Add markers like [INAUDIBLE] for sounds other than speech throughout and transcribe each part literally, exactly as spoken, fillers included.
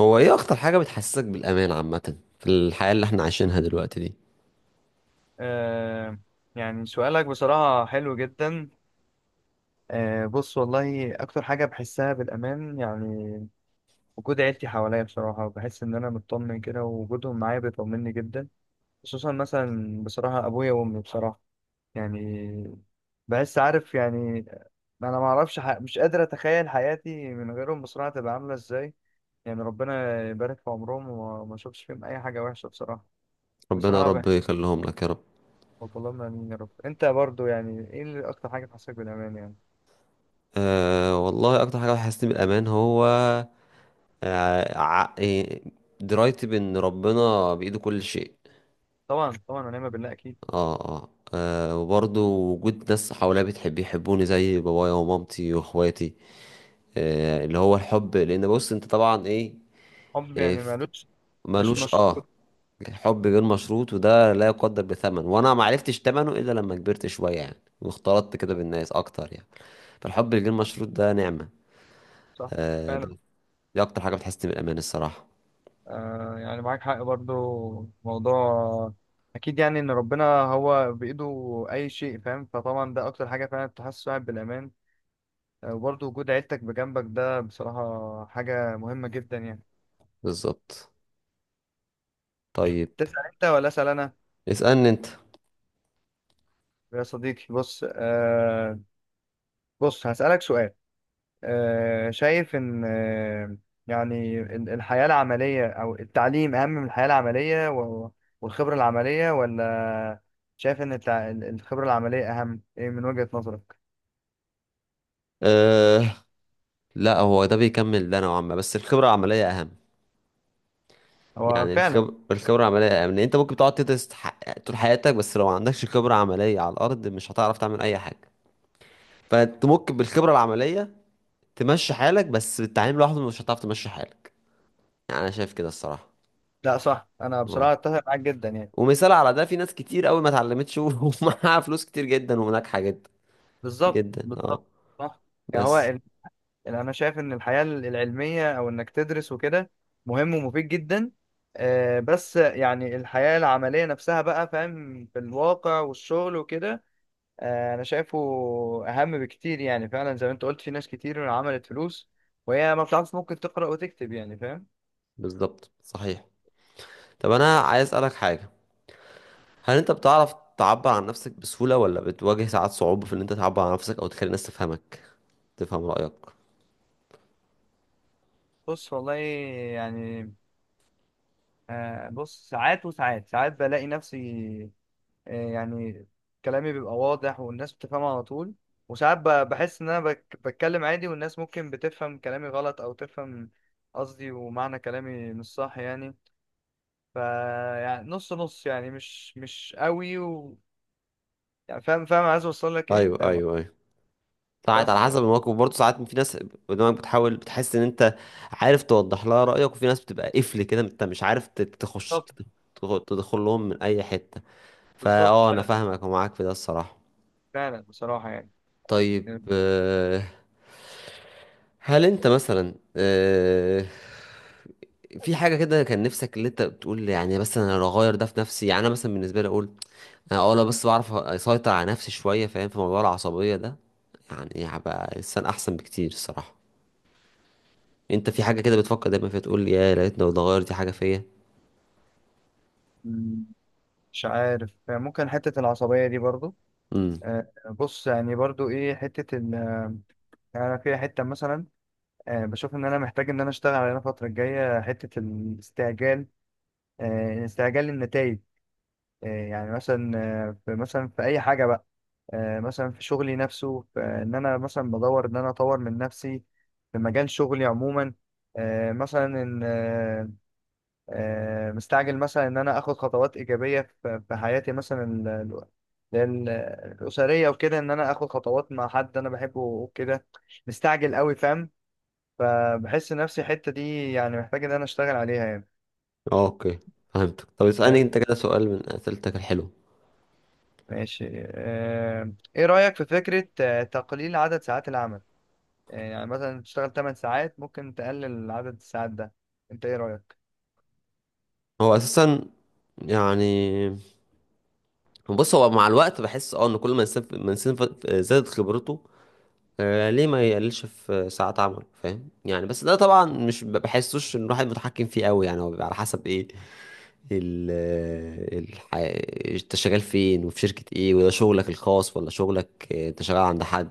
هو ايه اكتر حاجة بتحسسك بالامان عامة في الحياة اللي احنا عايشينها دلوقتي دي؟ آه يعني سؤالك بصراحة حلو جدا. آه بص، والله أكتر حاجة بحسها بالأمان يعني وجود عيلتي حواليا بصراحة، وبحس إن أنا مطمن كده ووجودهم معايا بيطمني جدا. خصوصا مثلا بصراحة أبويا وأمي بصراحة. يعني بحس، عارف يعني. أنا معرفش ح... مش قادر أتخيل حياتي من غيرهم بصراحة، تبقى عاملة إزاي. يعني ربنا يبارك في عمرهم وما أشوفش فيهم أي حاجة وحشة بصراحة. ربنا يا بصراحة رب بحس. يخليهم لك يا رب. اللهم امين يا رب. انت برضو، يعني ايه اللي اكتر حاجه بتحسسك بالامان يعني؟ أه، والله اكتر حاجة بتحسسني بالامان هو أه، ع- إيه، درايتي بان ربنا بايده كل شيء. طبعا طبعا، ونعم بالله، اكيد. اه، اه، آه، وبرضه وجود ناس حواليا بتحب يحبوني زي بابايا ومامتي واخواتي. آه، اللي هو الحب، لان بص انت طبعا ايه، حب إيه، يعني مالوش، مش ملوش، اه. مشروط. حب غير مشروط وده لا يقدر بثمن، وانا ما عرفتش ثمنه الا لما كبرت شويه يعني، واختلطت كده صح. بالناس اكتر يعني. فالحب الغير مشروط ده نعمه. صح. آه، فعلا. ب- دي اكتر حاجه بتحسسني بالامان الصراحه. آه يعني معاك حق برضو. موضوع، اكيد يعني ان ربنا هو بايده اي شيء فاهم، فطبعا ده اكتر حاجه فعلا بتحسس واحد بالامان. آه، وبرضو وجود عيلتك بجنبك ده بصراحه حاجه مهمه جدا يعني. بالظبط. طيب، تسال انت ولا اسال انا؟ اسالني انت. يا صديقي، بص، آه بص هسالك سؤال. آه، شايف إن آه، يعني ال- الحياة العملية أو التعليم أهم من الحياة العملية و- والخبرة العملية، ولا شايف إن التع- ال- الخبرة العملية أهم، إيه، من وجهة نظرك؟ آه، لا هو ده بيكمل ده نوعا ما، بس الخبره العمليه اهم. هو يعني فعلا. الخب- الخبره العمليه اهم، لان انت ممكن تقعد تدرس ح- طول حياتك، بس لو ما عندكش خبره عمليه على الارض، مش هتعرف تعمل اي حاجه. فانت ممكن بالخبره العمليه تمشي حالك، بس التعليم لوحده مش هتعرف تمشي حالك، يعني انا شايف كده الصراحه. لا صح، أنا اه، بصراحة أتفق معاك جدا يعني. ومثال على ده، في ناس كتير قوي ما اتعلمتش [LAUGHS] ومعاها فلوس كتير جدا وناجحه جدا، بالظبط، جدا بالظبط. اه. صح. يعني هو بس، ال... ال- أنا شايف إن الحياة ال- العلمية أو إنك تدرس وكده مهم ومفيد جدا. آه، بس يعني الحياة العملية نفسها بقى فاهم، في الواقع والشغل وكده. آه، انا شايفه اهم بكتير، يعني فعلا زي ما انت قلت في ناس كتير عملت فلوس وهي ما بتعرفش ممكن تقرأ وتكتب، يعني فاهم. بالظبط صحيح. طب انا بس عايز اسالك حاجه. هل انت بتعرف تعبر عن نفسك بسهوله، ولا بتواجه ساعات صعوبه في ان انت تعبر عن نفسك او تخلي الناس تفهمك، تفهم رايك؟ بص والله يعني. آه، بص ساعات وساعات ساعات بلاقي نفسي. آه، يعني كلامي بيبقى واضح والناس بتفهمه على طول. وساعات ب- بحس ان انا بك- بتكلم عادي، والناس ممكن بتفهم كلامي غلط او تفهم قصدي ومعنى كلامي مش صح يعني. ف يعني نص نص، يعني مش مش قوي و... يعني فاهم فاهم، عايز اوصل لك ايه، ايوه، فاهم. ايوه، ايوه. ساعات على بس حسب يعني. الموقف برضه، ساعات في ناس قدامك بتحاول بتحس ان انت عارف توضح لها رأيك، وفي ناس بتبقى قفل كده انت مش عارف ت- تخش، بالظبط، تخ- تدخل لهم من اي حتة. فا بالظبط. اه، انا فعلا. فاهمك ومعاك في ده الصراحة. فعلا بصراحة يعني. طيب، آه، هل انت مثلا آه، في حاجة كده كان نفسك، اللي انت بتقول يعني، بس انا لو اغير ده في نفسي، يعني انا مثلا بالنسبة لي اقول انا اه لو بس بعرف اسيطر على نفسي شوية، فاهم، في موضوع العصبية ده، يعني هبقى انسان احسن بكتير الصراحة. انت في حاجة كده بتفكر دايما فيها تقول يا لقيتنا لو اتغيرت دي حاجة فيا؟ م- مش عارف، ممكن حتة العصبية دي برضو. امم، آه، بص يعني برضو ايه حتة ال يعني أنا في حتة مثلا. آه، بشوف ان انا محتاج ان انا اشتغل عليها الفترة الجاية، حتة الاستعجال. آه، استعجال النتائج، يعني مثلا. آه، في مثلا في اي حاجة بقى. آه، مثلا في شغلي نفسه في ان انا مثلا بدور ان انا اطور من نفسي في مجال شغلي عموما. آه، مثلا ان آه، مستعجل مثلا ان انا اخد خطوات ايجابيه في في حياتي، مثلا ال- ال- ال- الاسريه وكده، ان انا اخد خطوات مع حد انا بحبه وكده. مستعجل قوي، فاهم. فبحس نفسي الحته دي يعني محتاج ان انا اشتغل عليها يعني. اه، اوكي، فهمتك. طب اسألني فاهم. انت كده سؤال من أسئلتك الحلوة. ماشي. آه، ايه رايك في فكره آه، تقليل عدد ساعات العمل؟ آه، يعني مثلا تشتغل 8 ساعات، ممكن تقلل عدد الساعات ده. انت ايه رايك؟ هو اساسا، يعني بص، هو مع الوقت بحس اه ان كل ما انسان ما انسان ف- زادت خبرته. آه، ليه ما يقللش في ساعات عمل، فاهم يعني، بس ده طبعا مش ب- بحسوش ان الواحد متحكم فيه قوي، يعني هو بيبقى على حسب ايه ال الح... انت شغال فين، وفي شركة ايه، وده شغلك الخاص، ولا شغلك، آه، انت شغال عند حد؟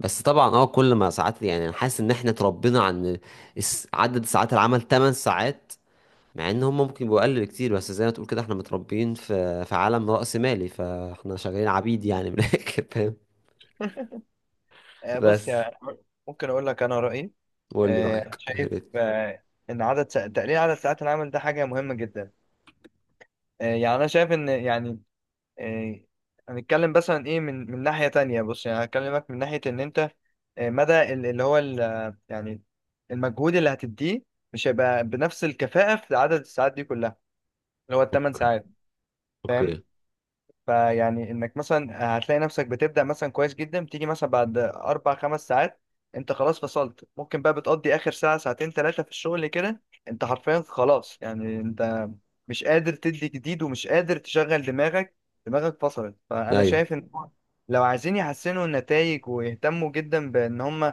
بس طبعا، اه كل ما ساعات، يعني انا حاسس ان احنا اتربينا عن الس- عدد ساعات العمل ثماني ساعات، مع ان هم ممكن يبقوا اقل بكتير، بس زي ما تقول كده احنا متربيين في في عالم رأسمالي مالي، فاحنا شغالين عبيد يعني، من [LAUGHS] الاخر فاهم. آه، بص بس، يعني ممكن اقول لك انا رايي. قول لي آه، أنا رأيك يا شايف ريت. آه، إن عدد سا- تقليل عدد ساعات العمل ده حاجة مهمة جدا. آه، يعني أنا شايف إن يعني آه، هنتكلم مثلا إيه من من ناحية تانية. بص يعني هكلمك من ناحية إن أنت آه، مدى ال- اللي هو ال- آه، يعني المجهود اللي هتديه مش هيبقى بنفس الكفاءة في عدد الساعات دي كلها، اللي هو الثمان اوكي، ساعات، فاهم. اوكي، فيعني انك مثلا هتلاقي نفسك بتبدأ مثلا كويس جدا، تيجي مثلا بعد اربع خمس ساعات انت خلاص فصلت. ممكن بقى بتقضي اخر ساعة ساعتين ثلاثة في الشغل كده، انت حرفيا خلاص، يعني انت مش قادر تدي جديد ومش قادر تشغل دماغك، دماغك فصلت. فانا ايوه، شايف ان لو عايزين يحسنوا النتائج ويهتموا جدا بان هم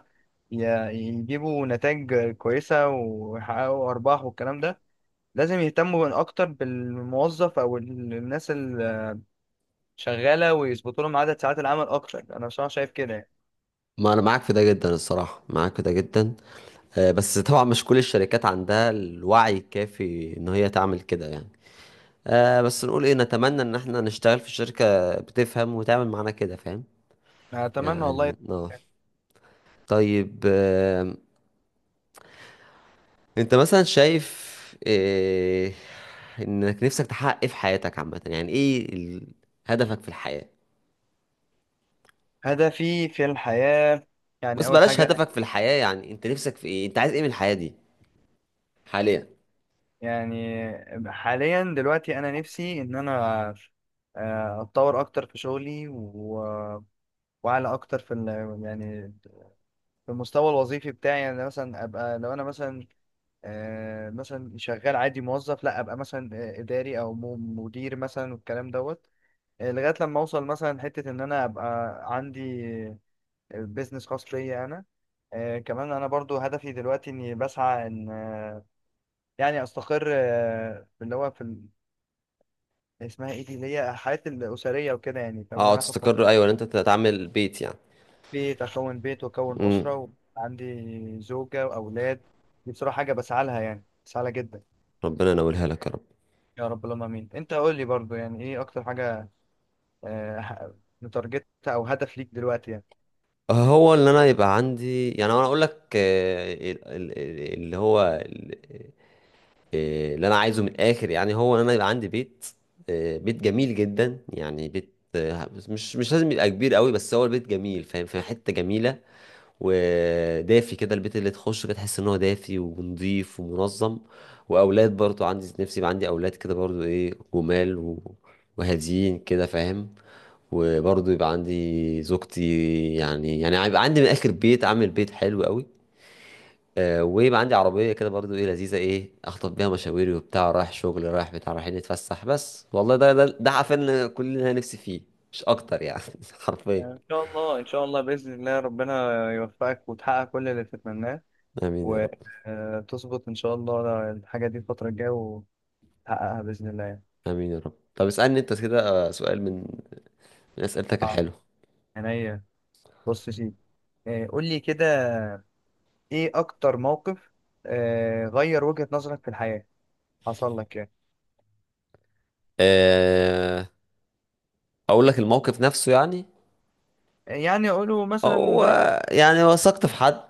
يجيبوا نتائج كويسة ويحققوا ارباح والكلام ده، لازم يهتموا اكتر بالموظف او الناس شغاله، ويظبطوا لهم عدد ساعات العمل اكتر. انا بصراحه شايف كده يعني. ما انا معاك في ده جدا الصراحه، معاك في ده جدا. آه، بس طبعا مش كل الشركات عندها الوعي الكافي ان هي تعمل كده يعني. آه بس نقول ايه، نتمنى ان احنا نشتغل في شركه بتفهم وتعمل معانا كده، فاهم. أنا اتمنى والله. يعني، اه طيب، آم، انت مثلا شايف إيه، انك نفسك تحقق ايه في حياتك عامة، يعني ايه ال- هدفك في الحياة؟ هدفي في الحياه، يعني بص، اول بلاش حاجه، هدفك في الحياة، يعني انت نفسك في ايه، انت عايز ايه من الحياة دي حاليا؟ يعني حاليا دلوقتي انا نفسي ان انا آه، اتطور اكتر في شغلي و... واعلى اكتر في ال... يعني في المستوى الوظيفي بتاعي، يعني مثلا ابقى لو انا مثلا آه، مثلا شغال عادي موظف، لا، ابقى مثلا آه، اداري او م- مدير مثلا والكلام دوت. آه، لغايه لما اوصل مثلا حته ان انا ابقى عندي بيزنس خاص ليا انا. آه كمان انا برضو هدفي دلوقتي اني بسعى ان آه يعني استقر آه في اللي هو في ال- اسمها ايه دي، اللي هي حياتي الاسريه وكده، يعني فاهم إن اه، انا اخد خط- تستقر، ايوه، ان انت تعمل بيت يعني. بيت، اكون بيت واكون امم. اسره وعندي زوجه واولاد. دي بصراحه حاجه بسعى لها يعني، بسعى لها جدا. ربنا ينولها لك يا رب. يا رب اللهم امين. انت قول لي برضو يعني ايه اكتر حاجه آه ح- متارجتها او هدف ليك دلوقتي يعني؟ هو اللي انا يبقى عندي، يعني انا اقول لك، آه، ال- ال- اللي هو إيه، اللي انا عايزه من الاخر يعني، هو ان انا يبقى عندي بيت. إيه، بيت جميل جدا، يعني بيت آه، مش مش لازم يبقى كبير قوي، بس هو البيت جميل فاهم، في حته جميله، ودافي كده، البيت اللي تخش كده تحس ان هو دافي ونضيف ومنظم. واولاد برضو عندي، نفسي يبقى عندي اولاد كده، برضو ايه جمال، و- وهاديين كده فاهم. وبرضو يبقى عندي زوجتي. يعني يعني يبقى عندي من الاخر بيت، عامل بيت حلو قوي. آه، ويبقى عندي عربية كده، برضو ايه لذيذة، ايه اخطف بيها مشاويري وبتاع، رايح شغل رايح بتاع رايحين نتفسح، بس والله ده ده ده عارفين إن كلنا نفسي فيه. مش اكتر يعني. [LAUGHS] حرفيا. يعني ان شاء الله، ان شاء الله باذن الله ربنا يوفقك وتحقق كل اللي تتمناه، امين يا رب، وتظبط إن شاء الله الحاجة دي الفترة الجاية وتحققها بإذن الله يعني. امين يا رب. طب اسألني انت كده آه، سؤال من من اسئلتك آه، الحلوة. عينيا. بص يا سيدي، آه، قول لي كده، إيه أكتر موقف آه، غير وجهة نظرك في الحياة حصل لك يعني؟ أه، اقول لك الموقف نفسه يعني. يعني أقوله مثلا هو برأيك؟ يعني وثقت في حد،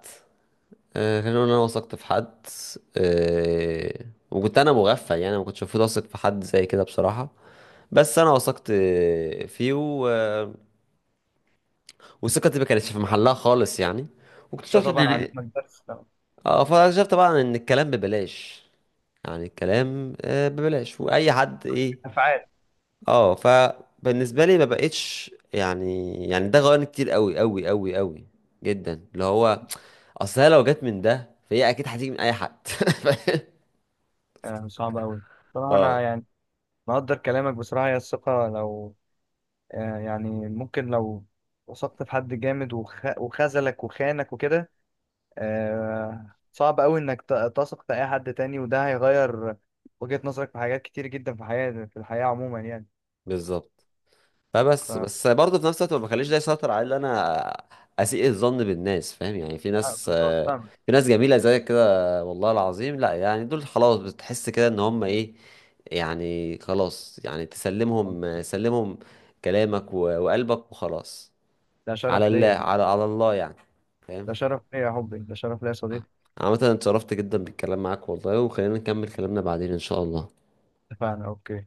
آه، خلينا نقول إن انا وثقت في حد، آه، وكنت انا مغفل يعني، ما كنتش المفروض اثق في حد زي كده بصراحة. بس انا وثقت آه، فيه، و... آه، وثقتي ما كانتش في محلها خالص يعني. ده واكتشفت طبعا ان علمك، بس طبعاً. اه فاكتشفت طبعا ان الكلام ببلاش. يعني الكلام آه، ببلاش، واي حد ايه، أفعال. اه فبالنسبه لي ما بقتش يعني يعني ده غيرني كتير قوي قوي قوي قوي جدا، اللي هو اصل هي لو جت من ده، فهي اكيد هتيجي من اي حد. [LAUGHS] آه، صعب أوي بصراحة. أنا اه، يعني مقدر كلامك بصراحة. هي الثقة لو آه، يعني ممكن لو وثقت في حد جامد وخ... وخذلك وخانك وكده، آه، صعب قوي انك ت- تثق في اي حد تاني، وده هيغير وجهة نظرك في حاجات كتير جدا في حياتي، في الحياة عموما يعني. بالظبط. فبس ف بس برضه في نفس الوقت ما بخليش ده يسيطر على ان انا اسيء الظن بالناس، فاهم يعني، في آه، ناس بالظبط، آه، فاهمك. في ناس جميله زيك كده والله العظيم، لا يعني دول خلاص، بتحس كده ان هم ايه، يعني خلاص، يعني تسلمهم آه، سلمهم كلامك و- وقلبك وخلاص. ده على شرف الله، ليا. على على الله يعني، ده فاهم. شرف ليا يا حبي. ده شرف ليا يا صديقي. عامة أنا اتشرفت جدا بالكلام معاك والله، وخلينا نكمل كلامنا بعدين إن شاء الله. اتفقنا. اوكي.